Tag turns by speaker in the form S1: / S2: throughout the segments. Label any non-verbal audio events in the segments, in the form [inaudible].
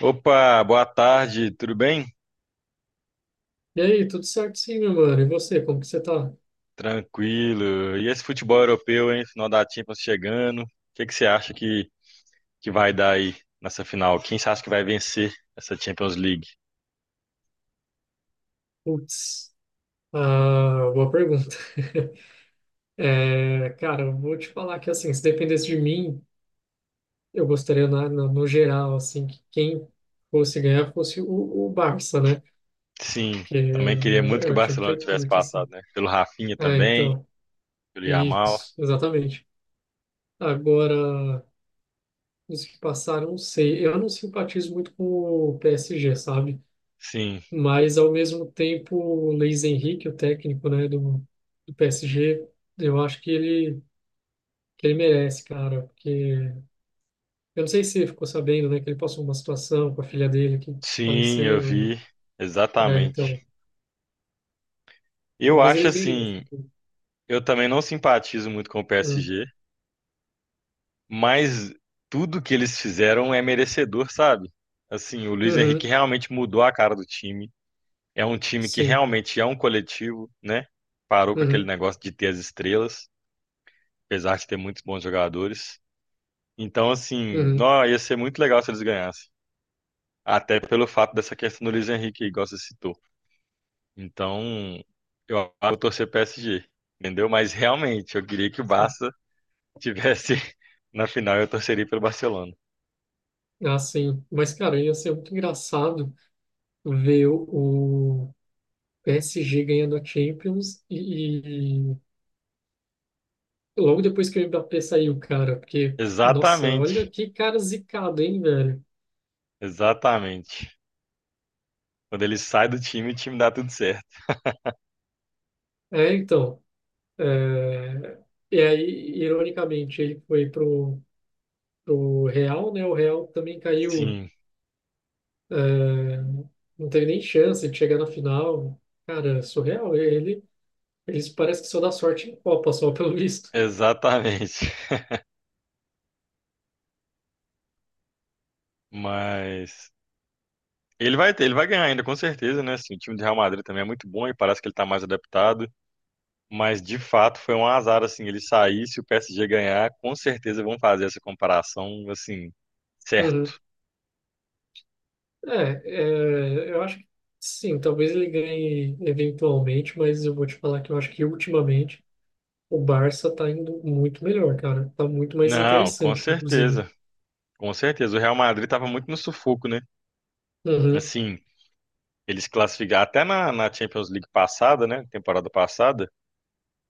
S1: Opa, boa tarde, tudo bem?
S2: E aí, tudo certo sim, meu mano? E você, como que você tá?
S1: Tranquilo. E esse futebol europeu, hein? Final da Champions chegando. O que que você acha que vai dar aí nessa final? Quem você acha que vai vencer essa Champions League?
S2: Putz, boa pergunta. [laughs] Cara, eu vou te falar que, assim, se dependesse de mim, eu gostaria, no geral, assim, que quem fosse ganhar fosse o Barça, né?
S1: Sim,
S2: Que é,
S1: também queria muito
S2: é
S1: que o
S2: o time que
S1: Barcelona
S2: eu
S1: tivesse
S2: curto,
S1: passado,
S2: assim.
S1: né? Pelo Rafinha
S2: Ah,
S1: também,
S2: então,
S1: pelo Yamal.
S2: isso, exatamente. Agora, os que passaram, não sei. Eu não simpatizo muito com o PSG, sabe?
S1: Sim,
S2: Mas, ao mesmo tempo, o Luiz Henrique, o técnico, né, do PSG, eu acho que ele merece, cara. Porque eu não sei se você ficou sabendo, né, que ele passou uma situação com a filha dele que
S1: sim, eu
S2: faleceu.
S1: vi. Exatamente.
S2: Então,
S1: Eu
S2: talvez
S1: acho
S2: ele mereça.
S1: assim, eu também não simpatizo muito com o
S2: Uhum,
S1: PSG, mas tudo que eles fizeram é merecedor, sabe? Assim, o Luiz Henrique
S2: uhum,
S1: realmente mudou a cara do time. É um time que
S2: sim.
S1: realmente é um coletivo, né? Parou com aquele
S2: Uhum,
S1: negócio de ter as estrelas, apesar de ter muitos bons jogadores. Então, assim,
S2: uhum,
S1: nó, ia ser muito legal se eles ganhassem. Até pelo fato dessa questão do Luiz Henrique, igual você citou. Então, eu acho que eu vou torcer PSG, entendeu? Mas realmente, eu queria que o
S2: sim.
S1: Barça tivesse [laughs] na final, eu torceria pelo Barcelona.
S2: Ah, sim. Mas, cara, ia ser muito engraçado ver o PSG ganhando a Champions e logo depois que o Mbappé saiu, cara, porque, nossa, olha
S1: Exatamente.
S2: que cara zicado, hein, velho?
S1: Exatamente. Quando ele sai do time, o time dá tudo certo.
S2: É, então, é, e aí, ironicamente, ele foi pro Real, né? O Real também caiu,
S1: Sim,
S2: é, não teve nem chance de chegar na final. Cara, surreal, eles parece que só dá sorte em Copa, só [laughs] pelo visto.
S1: exatamente. [laughs] Mas ele vai ganhar ainda, com certeza, né? Assim, o time do Real Madrid também é muito bom e parece que ele tá mais adaptado. Mas de fato foi um azar, assim, ele sair, se o PSG ganhar, com certeza vão fazer essa comparação, assim,
S2: Uhum.
S1: certo.
S2: É, eu acho que sim, talvez ele ganhe eventualmente, mas eu vou te falar que eu acho que ultimamente o Barça tá indo muito melhor, cara. Tá muito mais
S1: Não, com
S2: interessante, inclusive.
S1: certeza. Com certeza. O Real Madrid estava muito no sufoco, né?
S2: Uhum,
S1: Assim, eles classificaram até na Champions League passada, né? Temporada passada.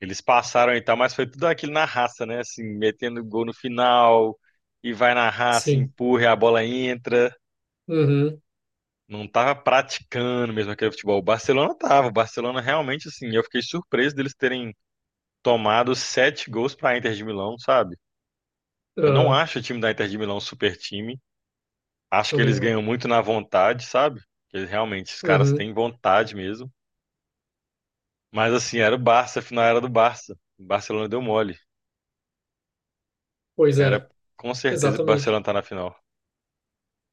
S1: Eles passaram e tal, mas foi tudo aquilo na raça, né? Assim, metendo gol no final, e vai na raça,
S2: sim.
S1: empurra, e a bola entra.
S2: Uhum,
S1: Não tava praticando mesmo aquele futebol. O Barcelona tava. O Barcelona realmente, assim, eu fiquei surpreso deles terem tomado sete gols pra Inter de Milão, sabe? Eu não
S2: ah,
S1: acho o time da Inter de Milão um super time. Acho que
S2: também
S1: eles
S2: não.
S1: ganham muito na vontade, sabe? Eles realmente, os caras
S2: Uhum,
S1: têm vontade mesmo. Mas assim, era o Barça, a final era do Barça. O Barcelona deu mole.
S2: pois
S1: Era
S2: é,
S1: com certeza que o
S2: exatamente.
S1: Barcelona tá na final.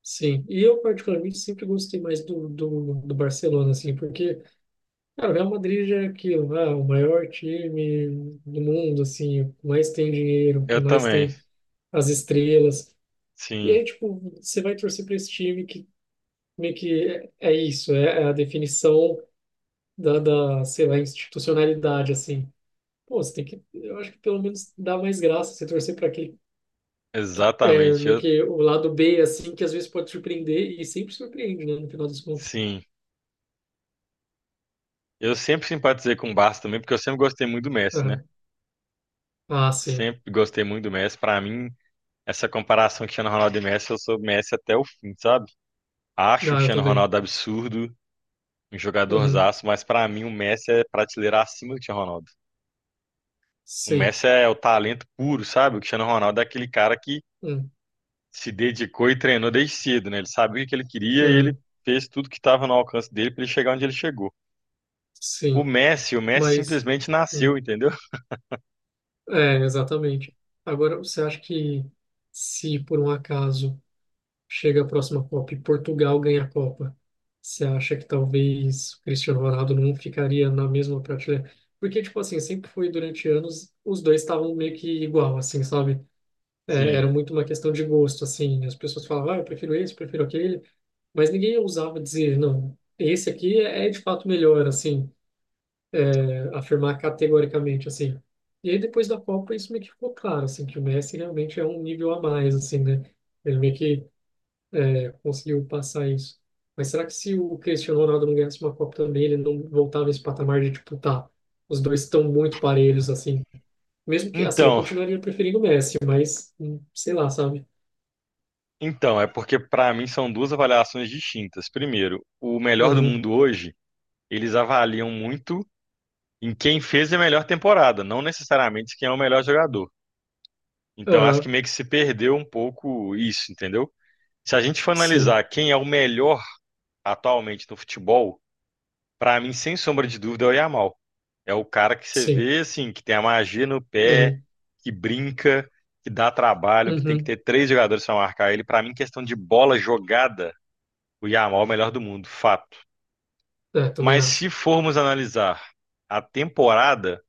S2: Sim. E eu, particularmente, sempre gostei mais do Barcelona, assim, porque, cara, o Real Madrid já é aquilo, ah, o maior time do mundo, assim, o que mais tem dinheiro, o que
S1: Eu
S2: mais
S1: também.
S2: tem as estrelas. E
S1: Sim,
S2: aí, tipo, você vai torcer para esse time que meio que é a definição sei lá, institucionalidade, assim. Pô, você tem que, eu acho que pelo menos dá mais graça você torcer para aquele, é,
S1: exatamente.
S2: meio
S1: Eu,
S2: que o lado B, assim, que às vezes pode surpreender e sempre surpreende, né, no final das contas.
S1: sim. Eu sempre simpatizei com o Barça também, porque eu sempre gostei muito do Messi, né?
S2: Aham. Ah, sim.
S1: Sempre gostei muito do Messi. Pra mim, essa comparação Cristiano Ronaldo e Messi, eu sou Messi até o fim, sabe? Acho o
S2: Ah, eu
S1: Cristiano
S2: também.
S1: Ronaldo absurdo, um
S2: Uhum.
S1: jogadorzaço, mas pra mim o Messi é prateleira acima do Cristiano Ronaldo. O
S2: Sim.
S1: Messi é o talento puro, sabe? O Cristiano Ronaldo é aquele cara que
S2: Hum.
S1: se dedicou e treinou desde cedo, né? Ele sabia o que ele queria e ele
S2: Uhum.
S1: fez tudo que estava no alcance dele pra ele chegar onde ele chegou.
S2: Sim.
S1: O Messi
S2: Mas,
S1: simplesmente
S2: hum.
S1: nasceu, entendeu?
S2: É, exatamente. Agora, você acha que se por um acaso chega a próxima Copa e Portugal ganha a Copa, você acha que talvez o Cristiano Ronaldo não ficaria na mesma prateleira? Porque, tipo assim, sempre foi durante anos, os dois estavam meio que igual, assim, sabe? É, era
S1: Sim.
S2: muito uma questão de gosto, assim. As pessoas falavam, ah, eu prefiro esse, eu prefiro aquele, mas ninguém ousava dizer, não, esse aqui é de fato melhor, assim, é, afirmar categoricamente, assim. E aí, depois da Copa, isso meio que ficou claro, assim, que o Messi realmente é um nível a mais, assim, né? Ele meio que é, conseguiu passar isso. Mas será que se o Cristiano Ronaldo não ganhasse uma Copa também, ele não voltava a esse patamar de, tipo, tá, os dois estão muito parelhos, assim. Mesmo que, assim, eu
S1: Então,
S2: continuaria preferindo o Messi, mas, sei lá, sabe?
S1: então é porque para mim são duas avaliações distintas. Primeiro, o melhor do
S2: Uhum,
S1: mundo hoje, eles avaliam muito em quem fez a melhor temporada, não necessariamente quem é o melhor jogador. Então, acho que
S2: aham,
S1: meio que se perdeu um pouco isso, entendeu? Se a gente for
S2: sim,
S1: analisar quem é o melhor atualmente no futebol, pra mim, sem sombra de dúvida, é o Yamal. É o cara que você
S2: sim,
S1: vê, assim, que tem a magia no pé,
S2: uhum,
S1: que brinca, que dá trabalho, que tem que
S2: uhum,
S1: ter três jogadores pra marcar ele. Pra mim, questão de bola jogada, o Yamal é o melhor do mundo, fato.
S2: é, também
S1: Mas
S2: acho.
S1: se formos analisar a temporada,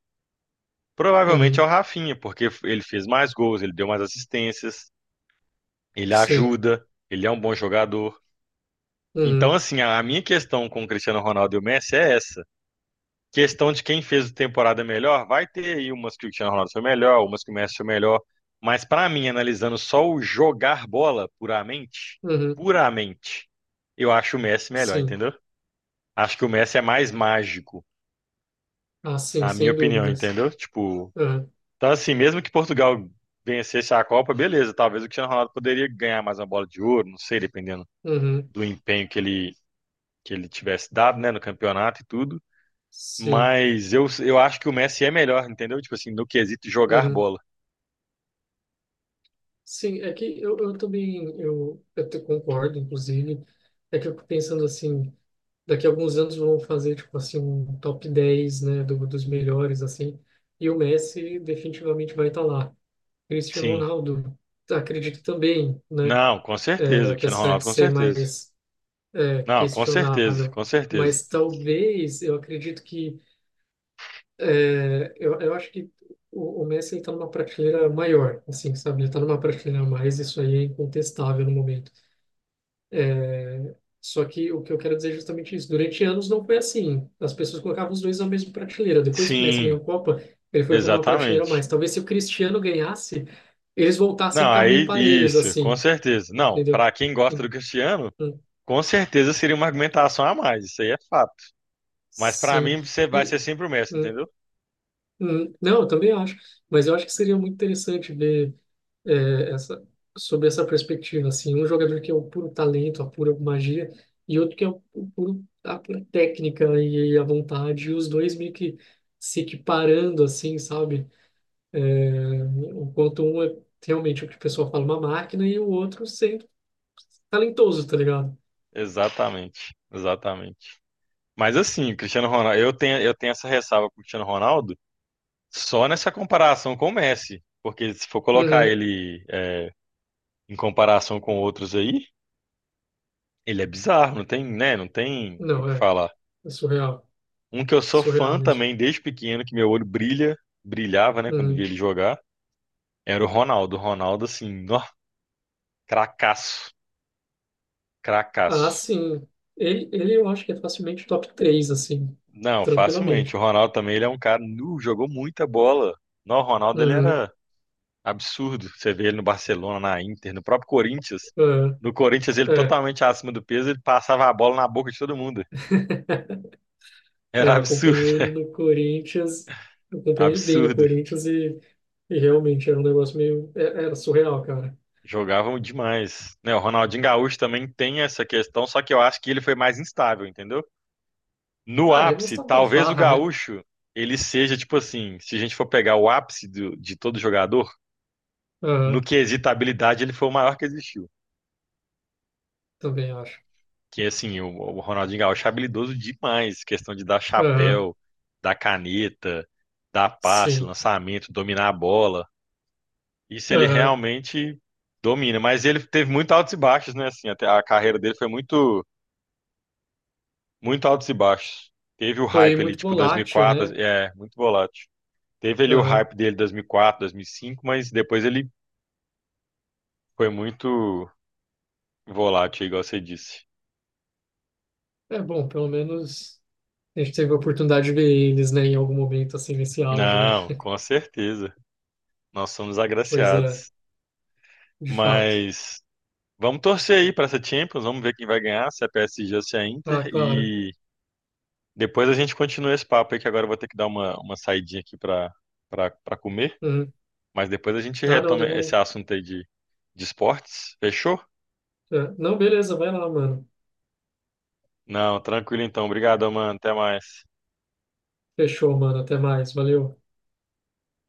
S1: provavelmente é o
S2: Uhum,
S1: Rafinha, porque ele fez mais gols, ele deu mais assistências, ele
S2: sim,
S1: ajuda, ele é um bom jogador. Então,
S2: uhum,
S1: assim, a minha questão com o Cristiano Ronaldo e o Messi é essa. Questão de quem fez a temporada melhor, vai ter aí umas que o Cristiano Ronaldo foi melhor, umas que o Messi foi melhor. Mas para mim, analisando só o jogar bola puramente,
S2: uhum,
S1: puramente, eu acho o Messi melhor,
S2: sim.
S1: entendeu? Acho que o Messi é mais mágico,
S2: Ah, sim,
S1: na minha
S2: sem
S1: opinião,
S2: dúvidas.
S1: entendeu? Tipo,
S2: Uhum,
S1: então assim, mesmo que Portugal vencesse a Copa, beleza, talvez o Cristiano Ronaldo poderia ganhar mais uma bola de ouro, não sei, dependendo
S2: uhum,
S1: do empenho que ele tivesse dado, né, no campeonato e tudo.
S2: sim,
S1: Mas eu acho que o Messi é melhor, entendeu? Tipo assim, no quesito jogar
S2: uhum.
S1: bola.
S2: Sim, é eu também eu te concordo, inclusive, é que eu fico pensando assim, daqui a alguns anos vão fazer tipo assim um top 10 né, dos melhores assim, e o Messi definitivamente vai estar lá. Cristiano
S1: Sim.
S2: Ronaldo, acredito também, né,
S1: Não, com
S2: é,
S1: certeza. Cristiano
S2: apesar
S1: Ronaldo,
S2: de
S1: com
S2: ser
S1: certeza.
S2: mais é,
S1: Não, com certeza,
S2: questionável,
S1: com certeza.
S2: mas talvez eu acredito que é, eu acho que o Messi está numa prateleira maior, assim, sabe? Ele está numa prateleira a mais, isso aí é incontestável no momento. Só que o que eu quero dizer é justamente isso. Durante anos não foi assim. As pessoas colocavam os dois na mesma prateleira. Depois que o Messi ganhou
S1: Sim,
S2: a Copa, ele foi para uma prateleira a
S1: exatamente.
S2: mais. Talvez se o Cristiano ganhasse, eles voltassem a
S1: Não,
S2: ficar meio
S1: aí
S2: parelhos
S1: isso, com
S2: assim,
S1: certeza. Não,
S2: entendeu?
S1: pra quem gosta
S2: Em-
S1: do Cristiano,
S2: em-
S1: com certeza seria uma argumentação a mais, isso aí é fato. Mas pra
S2: Sim.
S1: mim você vai ser
S2: E,
S1: sempre o Messi,
S2: hum,
S1: entendeu?
S2: não, eu também acho. Mas eu acho que seria muito interessante ver é, essa, sobre essa perspectiva, assim, um jogador que é o puro talento, a pura magia, e outro que é o puro, a pura técnica e a vontade, e os dois meio que se equiparando, assim, sabe? É, enquanto um é realmente o que o pessoal fala, uma máquina, e o outro sendo talentoso, tá ligado?
S1: Exatamente, exatamente. Mas assim, Cristiano Ronaldo, eu tenho essa ressalva com o Cristiano Ronaldo. Só nessa comparação com o Messi, porque se for colocar
S2: Uhum.
S1: ele é, em comparação com outros aí, ele é bizarro, não tem, né, não tem o
S2: Não,
S1: que
S2: é,
S1: falar.
S2: é surreal,
S1: Um que eu sou
S2: surreal
S1: fã
S2: mesmo.
S1: também desde pequeno, que meu olho brilha, brilhava, né, quando via
S2: Uhum.
S1: ele jogar, era o Ronaldo. O Ronaldo, assim, ó, cracaço,
S2: Ah,
S1: cracaço.
S2: sim, ele eu acho que é facilmente top três assim,
S1: Não, facilmente. O
S2: tranquilamente.
S1: Ronaldo também, ele é um cara, nu, jogou muita bola. Não, o Ronaldo, ele
S2: Uhum.
S1: era absurdo. Você vê ele no Barcelona, na Inter, no próprio Corinthians. No Corinthians, ele
S2: É, é.
S1: totalmente acima do peso, ele passava a bola na boca de todo mundo.
S2: [laughs] É,
S1: Era
S2: eu acompanhei
S1: absurdo,
S2: ele no Corinthians, eu
S1: [laughs]
S2: acompanhei ele bem no
S1: absurdo.
S2: Corinthians e realmente era um negócio meio. Era surreal, cara.
S1: Jogavam demais. Né, o Ronaldinho Gaúcho também tem essa questão, só que eu acho que ele foi mais instável, entendeu? No
S2: Ah, ele
S1: ápice,
S2: gostava da
S1: talvez o
S2: farra, né?
S1: Gaúcho, ele seja tipo assim, se a gente for pegar o ápice de todo jogador, no
S2: Aham,
S1: quesito habilidade, ele foi o maior que existiu.
S2: também acho.
S1: Que assim, o Ronaldinho Gaúcho é habilidoso demais, questão de dar
S2: Aham,
S1: chapéu, dar caneta, dar passe,
S2: sim.
S1: lançamento, dominar a bola. Isso ele
S2: Aham.
S1: realmente domina, mas ele teve muito altos e baixos, né? Assim, até a carreira dele foi muito, muito altos e baixos. Teve o
S2: Foi
S1: hype ali,
S2: muito
S1: tipo
S2: volátil,
S1: 2004,
S2: né?
S1: muito volátil. Teve ali o
S2: Aham.
S1: hype dele 2004, 2005, mas depois ele foi muito volátil, igual você disse.
S2: É bom, pelo menos a gente teve a oportunidade de ver eles, né, em algum momento, assim, nesse auge, né?
S1: Não,
S2: [laughs]
S1: com certeza. Nós somos
S2: Coisa
S1: agraciados.
S2: de fato.
S1: Mas vamos torcer aí para essa Champions, vamos ver quem vai ganhar, se é PSG ou se é Inter.
S2: Ah, claro.
S1: E depois a gente continua esse papo aí, que agora eu vou ter que dar uma saidinha aqui para comer.
S2: Uhum.
S1: Mas depois a gente
S2: Ah, não,
S1: retoma esse
S2: demorou.
S1: assunto aí de esportes. Fechou?
S2: É. Não, beleza, vai lá, mano.
S1: Não, tranquilo então. Obrigado, mano. Até mais.
S2: Fechou, mano. Até mais. Valeu.